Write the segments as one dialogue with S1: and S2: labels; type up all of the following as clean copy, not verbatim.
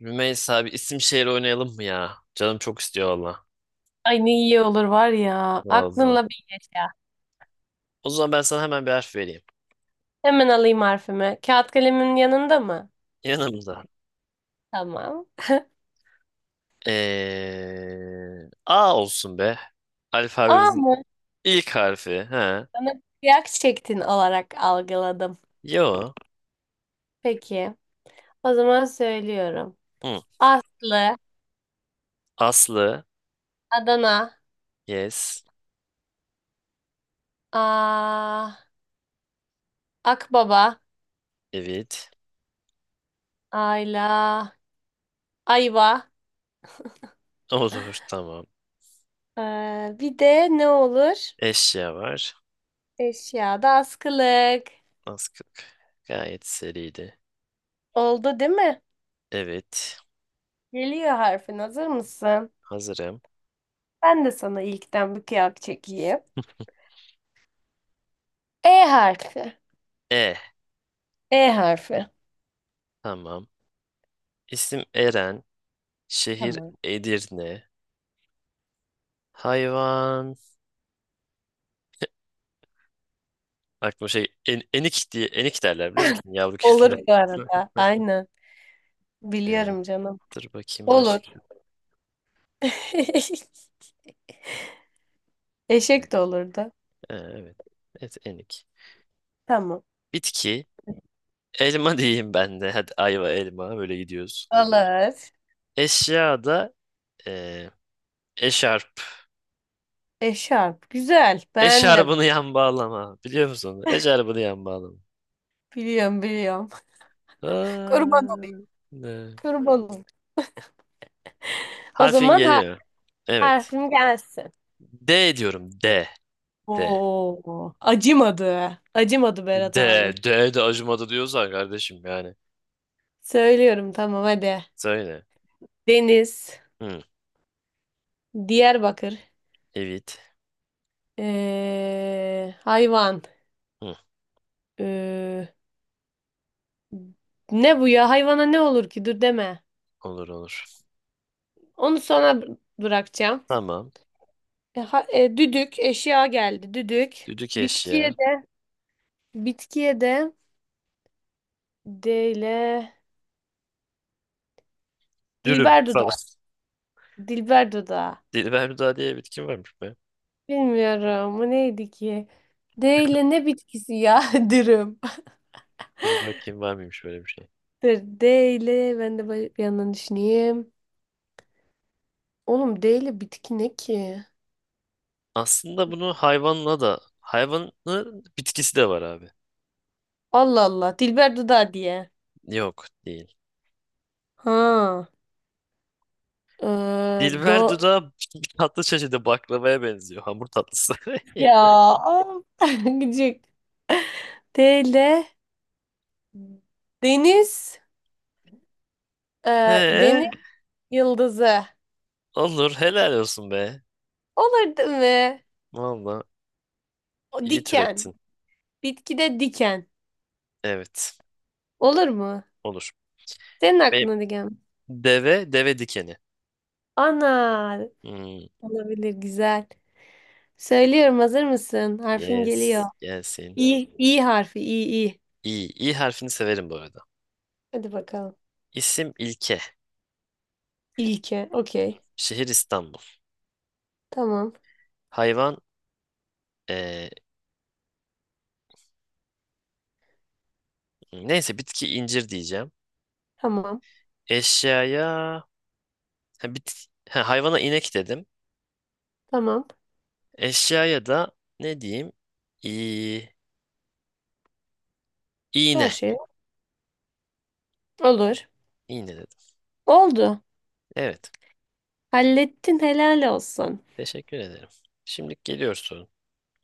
S1: Rümeysa abi, isim şehir oynayalım mı ya? Canım çok istiyor valla.
S2: Ay ne iyi olur var ya.
S1: Valla.
S2: Aklınla bir yaşa.
S1: O zaman ben sana hemen bir harf vereyim.
S2: Hemen alayım harfimi. Kağıt kalemin yanında mı?
S1: Yanımda.
S2: Tamam.
S1: A olsun be.
S2: A
S1: Alfabemizin
S2: mı?
S1: ilk harfi. Ha.
S2: Bana kıyak çektin olarak algıladım.
S1: Yo.
S2: Peki. O zaman söylüyorum.
S1: Hı.
S2: Aslı,
S1: Aslı.
S2: Adana,
S1: Yes.
S2: A, Akbaba,
S1: Evet.
S2: Ayla, Ayva.
S1: Olur. Tamam.
S2: Bir de ne olur?
S1: Eşya var.
S2: Eşyada askılık.
S1: Az Askık. Gayet seriydi.
S2: Oldu değil mi?
S1: Evet.
S2: Geliyor harfin. Hazır mısın?
S1: Hazırım.
S2: Ben de sana ilkten bir kıyak çekeyim. E harfi.
S1: E.
S2: E harfi.
S1: Tamam. İsim Eren. Şehir
S2: Tamam.
S1: Edirne. Hayvan. Aklıma şey en, enik diye enik derler, biliyor musun, yavru kediler.
S2: Olur bu arada. Aynen.
S1: Ee,
S2: Biliyorum canım.
S1: dur bakayım
S2: Olur.
S1: başka.
S2: Eşek de olurdu.
S1: Evet. Evet, enik.
S2: Tamam.
S1: Bitki. Elma diyeyim ben de. Hadi ayva elma böyle gidiyoruz.
S2: Olur.
S1: Eşya da ee, eşarp.
S2: Eşarp. Güzel. Beğendim.
S1: Eşarbını yan bağlama. Biliyor musun onu? Eşarbını yan bağlama.
S2: Biliyorum, biliyorum. Kurban olayım.
S1: Aa, ne?
S2: Kurban olayım. O
S1: Harfin
S2: zaman
S1: geliyor. Evet.
S2: harfim gelsin.
S1: D diyorum. D. D.
S2: Oo. Acımadı. Acımadı
S1: D.
S2: Berat abim.
S1: D de acımadı diyorsan kardeşim yani.
S2: Söylüyorum tamam hadi.
S1: Söyle.
S2: Deniz.
S1: Hı,
S2: Diyarbakır.
S1: evet.
S2: Hayvan.
S1: Hı.
S2: Ee, Ne bu ya? Hayvana ne olur ki? Dur deme.
S1: Olur olur.
S2: Onu sona bırakacağım.
S1: Tamam.
S2: Düdük eşya geldi. Düdük.
S1: Düdük
S2: Bitkiye
S1: eşya.
S2: de bitkiye de D ile
S1: Dürüm
S2: Dilber
S1: falan.
S2: dudağı. Dilber dudağı.
S1: Dilberda diye bitki varmış be.
S2: Bilmiyorum. Bu neydi ki? D ile ne bitkisi ya? Dürüm.
S1: Dur bakayım, var mıymış böyle bir şey.
S2: Dur, D ile ben de böyle bir yandan düşüneyim. Oğlum D ile bitki ne ki?
S1: Aslında bunu hayvanla da, hayvanın bitkisi de var abi.
S2: Allah Allah. Dilber dudağı diye.
S1: Yok değil.
S2: Ha. Ee, do
S1: Dilber dudağı tatlı çeşidi, baklavaya benziyor. Hamur tatlısı.
S2: ya. Gıcık. D ile deniz, e, deniz
S1: Ee,
S2: yıldızı.
S1: olur, helal olsun be.
S2: Olur değil mi?
S1: Valla
S2: O
S1: iyi
S2: diken.
S1: türettin.
S2: Bitkide diken.
S1: Evet,
S2: Olur mu?
S1: olur.
S2: Senin
S1: Benim
S2: aklına diken mi?
S1: deve dikeni.
S2: Ana.
S1: Hmm,
S2: Olabilir, güzel. Söylüyorum, hazır mısın? Harfin geliyor.
S1: yes, gelsin.
S2: İ, İ harfi. İ, İ.
S1: İyi. İyi harfini severim bu arada.
S2: Hadi bakalım.
S1: İsim ilke.
S2: İlke. Okey.
S1: Şehir İstanbul.
S2: Tamam.
S1: Hayvan eee, neyse, bitki incir diyeceğim.
S2: Tamam.
S1: Eşyaya hayvana inek dedim.
S2: Tamam.
S1: Eşyaya da ne diyeyim? İ, iğne.
S2: Her şey olur.
S1: İğne dedim.
S2: Oldu.
S1: Evet.
S2: Hallettin, helal olsun.
S1: Teşekkür ederim. Şimdi geliyor sorun.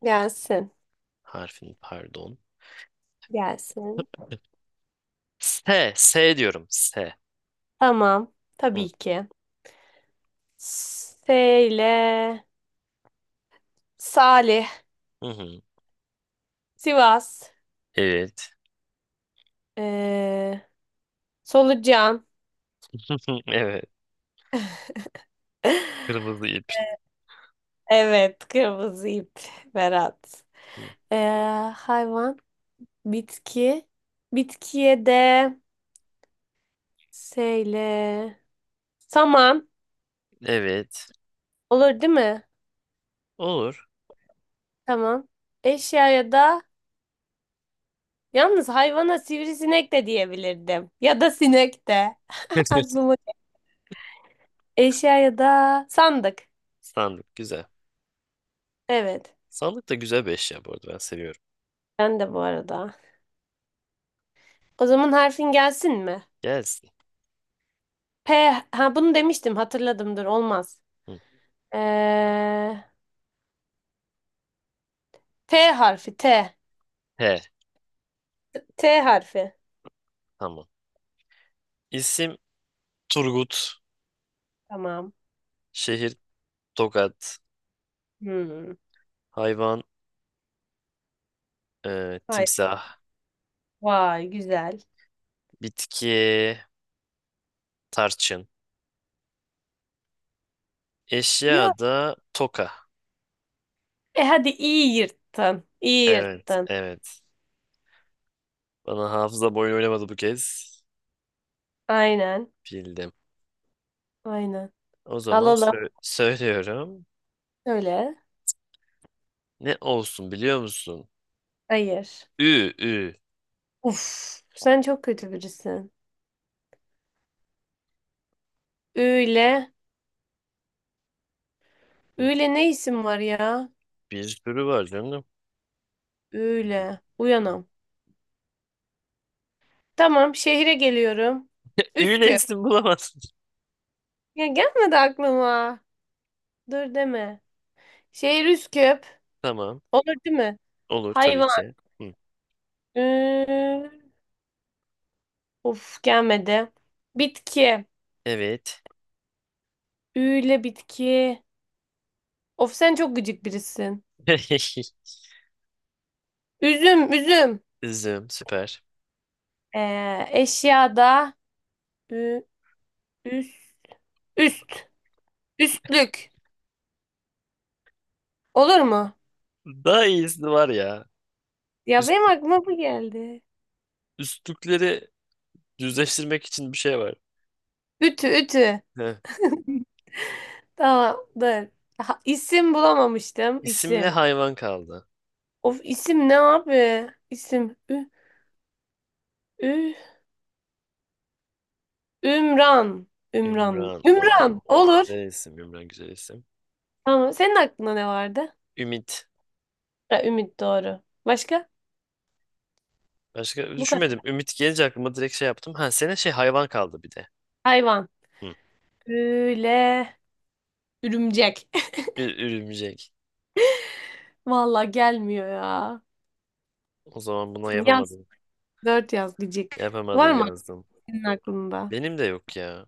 S2: Gelsin.
S1: Harfin, pardon.
S2: Gelsin.
S1: S. S diyorum. S.
S2: Tamam.
S1: Hı,
S2: Tabii ki. S ile Salih,
S1: hı, hı.
S2: Sivas,
S1: Evet.
S2: ee, Solucan.
S1: Evet. Kırmızı ip.
S2: Evet, kırmızı ip, Berat.
S1: Hı.
S2: Ee, hayvan, bitki. Bitkiye de S ile saman
S1: Evet.
S2: olur değil mi?
S1: Olur.
S2: Tamam. Eşyaya da, yalnız hayvana sivrisinek de diyebilirdim. Ya da sinek de. Aklıma eşyaya da sandık.
S1: Sandık güzel.
S2: Evet.
S1: Sandık da güzel bir eşya, bu arada ben seviyorum.
S2: Ben de bu arada. O zaman harfin gelsin mi?
S1: Gelsin.
S2: P. Ha bunu demiştim, hatırladımdır, olmaz.
S1: Hı.
S2: Ee, T harfi T.
S1: He,
S2: T harfi.
S1: tamam. İsim Turgut.
S2: Tamam.
S1: Şehir Tokat.
S2: Hmm.
S1: Hayvan
S2: Vay,
S1: timsah.
S2: vay güzel.
S1: Bitki tarçın.
S2: Ya.
S1: Eşya da toka.
S2: E hadi iyi yırttın. İyi
S1: Evet,
S2: yırttın.
S1: evet. Bana hafıza boyun oynamadı bu kez.
S2: Aynen.
S1: Bildim.
S2: Aynen.
S1: O zaman
S2: Alalım.
S1: söylüyorum.
S2: Öyle.
S1: Ne olsun biliyor musun?
S2: Hayır.
S1: Ü, ü.
S2: Uf. Sen çok kötü birisin. Üyle.
S1: Hı,
S2: Üyle ne isim var ya?
S1: bir sürü var canım.
S2: Üyle. Uyanam. Tamam, şehire geliyorum.
S1: Ü ile
S2: Üsküp.
S1: isim bulamazsın.
S2: Ya gelmedi aklıma. Dur deme. Şehir Üsküp.
S1: Tamam.
S2: Olur değil mi?
S1: Olur tabii
S2: Hayvan.
S1: ki. Hı.
S2: Ü... Of gelmedi. Bitki.
S1: Evet.
S2: Üyle bitki. Of sen çok gıcık birisin. Üzüm, üzüm.
S1: Üzüm, süper.
S2: Eşyada. Ü, üst, üst. Üstlük. Olur mu?
S1: Daha iyisi var ya.
S2: Ya
S1: Üst,
S2: benim aklıma bu geldi.
S1: üstlükleri düzleştirmek için bir şey var.
S2: Ütü, ütü.
S1: Heh.
S2: Tamam, dur. Ha, isim bulamamıştım.
S1: İsimli
S2: İsim.
S1: hayvan kaldı.
S2: Of isim ne abi? İsim. Ü, ü. Ümran. Ümran.
S1: Ümran.
S2: Ümran.
S1: Wow.
S2: Olur.
S1: Güzel isim. Ümran güzel isim.
S2: Tamam. Senin aklında ne vardı?
S1: Ümit.
S2: Ha, Ümit, doğru. Başka?
S1: Başka
S2: Bu kadar.
S1: düşünmedim. Ümit gelince aklıma direkt şey yaptım. Ha, senin şey hayvan kaldı bir de.
S2: Hayvan.
S1: Hı.
S2: Böyle. Ürümcek.
S1: Örümcek.
S2: Vallahi gelmiyor ya.
S1: O zaman buna
S2: Yaz.
S1: yapamadın.
S2: Dört yaz gıcık.
S1: Yapamadın
S2: Var mı
S1: yazdım.
S2: senin aklında?
S1: Benim de yok ya.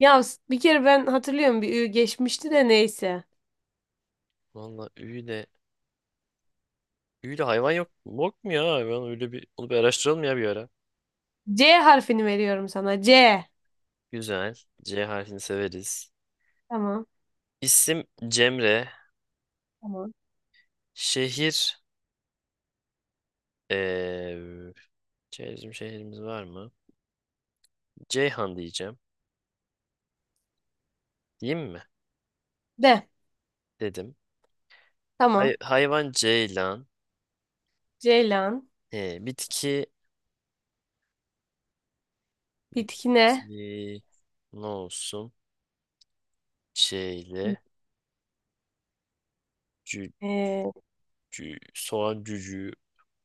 S2: Ya bir kere ben hatırlıyorum bir ü geçmişti de neyse.
S1: Valla üyle. Üyle hayvan yok. Yok mu ya hayvan? Öyle bir, onu bir araştıralım ya bir ara.
S2: C harfini veriyorum sana. C.
S1: Güzel. C harfini severiz.
S2: Tamam.
S1: İsim Cemre.
S2: Tamam.
S1: Şehir. Eee bizim şehrimiz var mı? Ceyhan diyeceğim. Diyeyim mi?
S2: De.
S1: Dedim.
S2: Tamam.
S1: Hayvan ceylan.
S2: Ceylan.
S1: He, bitki.
S2: Bitki ne?
S1: Bitki. Ne olsun? Şeyle. Cü,
S2: Ee,
S1: soğan cücüğü.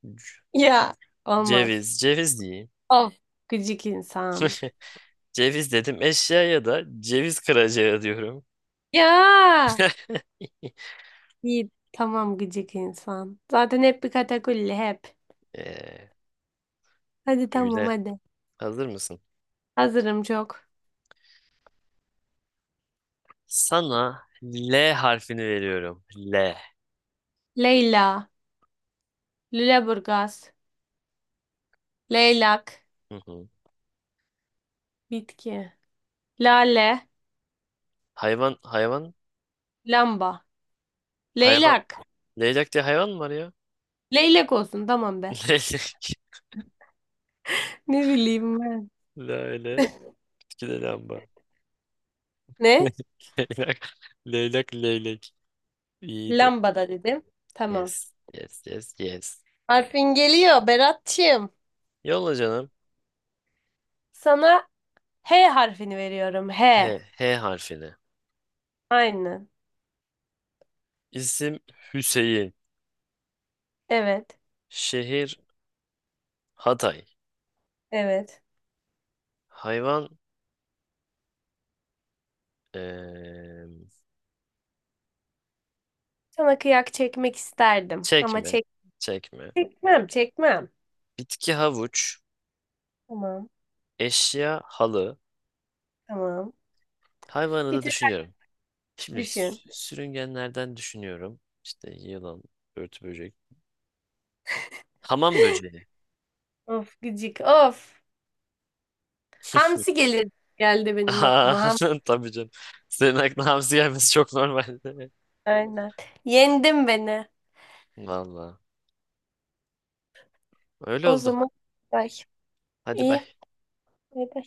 S1: cü-
S2: ya. Olmaz.
S1: Ceviz. Ceviz diyeyim.
S2: Of gıcık insan.
S1: Ceviz dedim. Eşyaya da ceviz kıracağı diyorum.
S2: Ya. İyi, tamam, gıcık insan. Zaten hep bir katakulli hep.
S1: Eee
S2: Hadi tamam
S1: öyle.
S2: hadi.
S1: Hazır mısın?
S2: Hazırım çok.
S1: Sana L harfini veriyorum. L.
S2: Leyla. Lüleburgaz. Leylak.
S1: Hı hı.
S2: Bitki. Lale.
S1: Hayvan, hayvan,
S2: Lamba.
S1: hayvan.
S2: Leylak.
S1: Leylak diye hayvan mı var ya?
S2: Leylak olsun tamam be.
S1: Leylek.
S2: Ne bileyim ben.
S1: Lale. İki de lamba.
S2: Ne?
S1: Leylak. Leylak, leylek. İyiydi.
S2: Lamba da dedim. Tamam.
S1: Yes, yes, yes, yes.
S2: Harfin geliyor Berat'cığım.
S1: Yolla canım.
S2: Sana H harfini veriyorum. H.
S1: H, H harfini.
S2: Aynen.
S1: İsim Hüseyin.
S2: Evet.
S1: Şehir Hatay.
S2: Evet.
S1: Hayvan eee,
S2: Sana kıyak çekmek isterdim ama
S1: çekme. Çekme.
S2: çekmem, çekmem.
S1: Bitki havuç.
S2: Tamam,
S1: Eşya halı.
S2: tamam.
S1: Hayvanı
S2: Bir
S1: da
S2: tek
S1: düşünüyorum. Şimdi
S2: düşün.
S1: sürüngenlerden düşünüyorum. İşte yılan, örtü böcek. Hamam böceği.
S2: Of gıcık, of. Hamsi gelir geldi benim
S1: Aa,
S2: aklıma. Ham.
S1: tabii canım. Senin aklına hamsi gelmesi çok normal değil mi?
S2: Aynen. Yendin beni.
S1: Valla. Öyle
S2: O
S1: oldu.
S2: zaman bay.
S1: Hadi
S2: İyi.
S1: bay.
S2: Bay bay.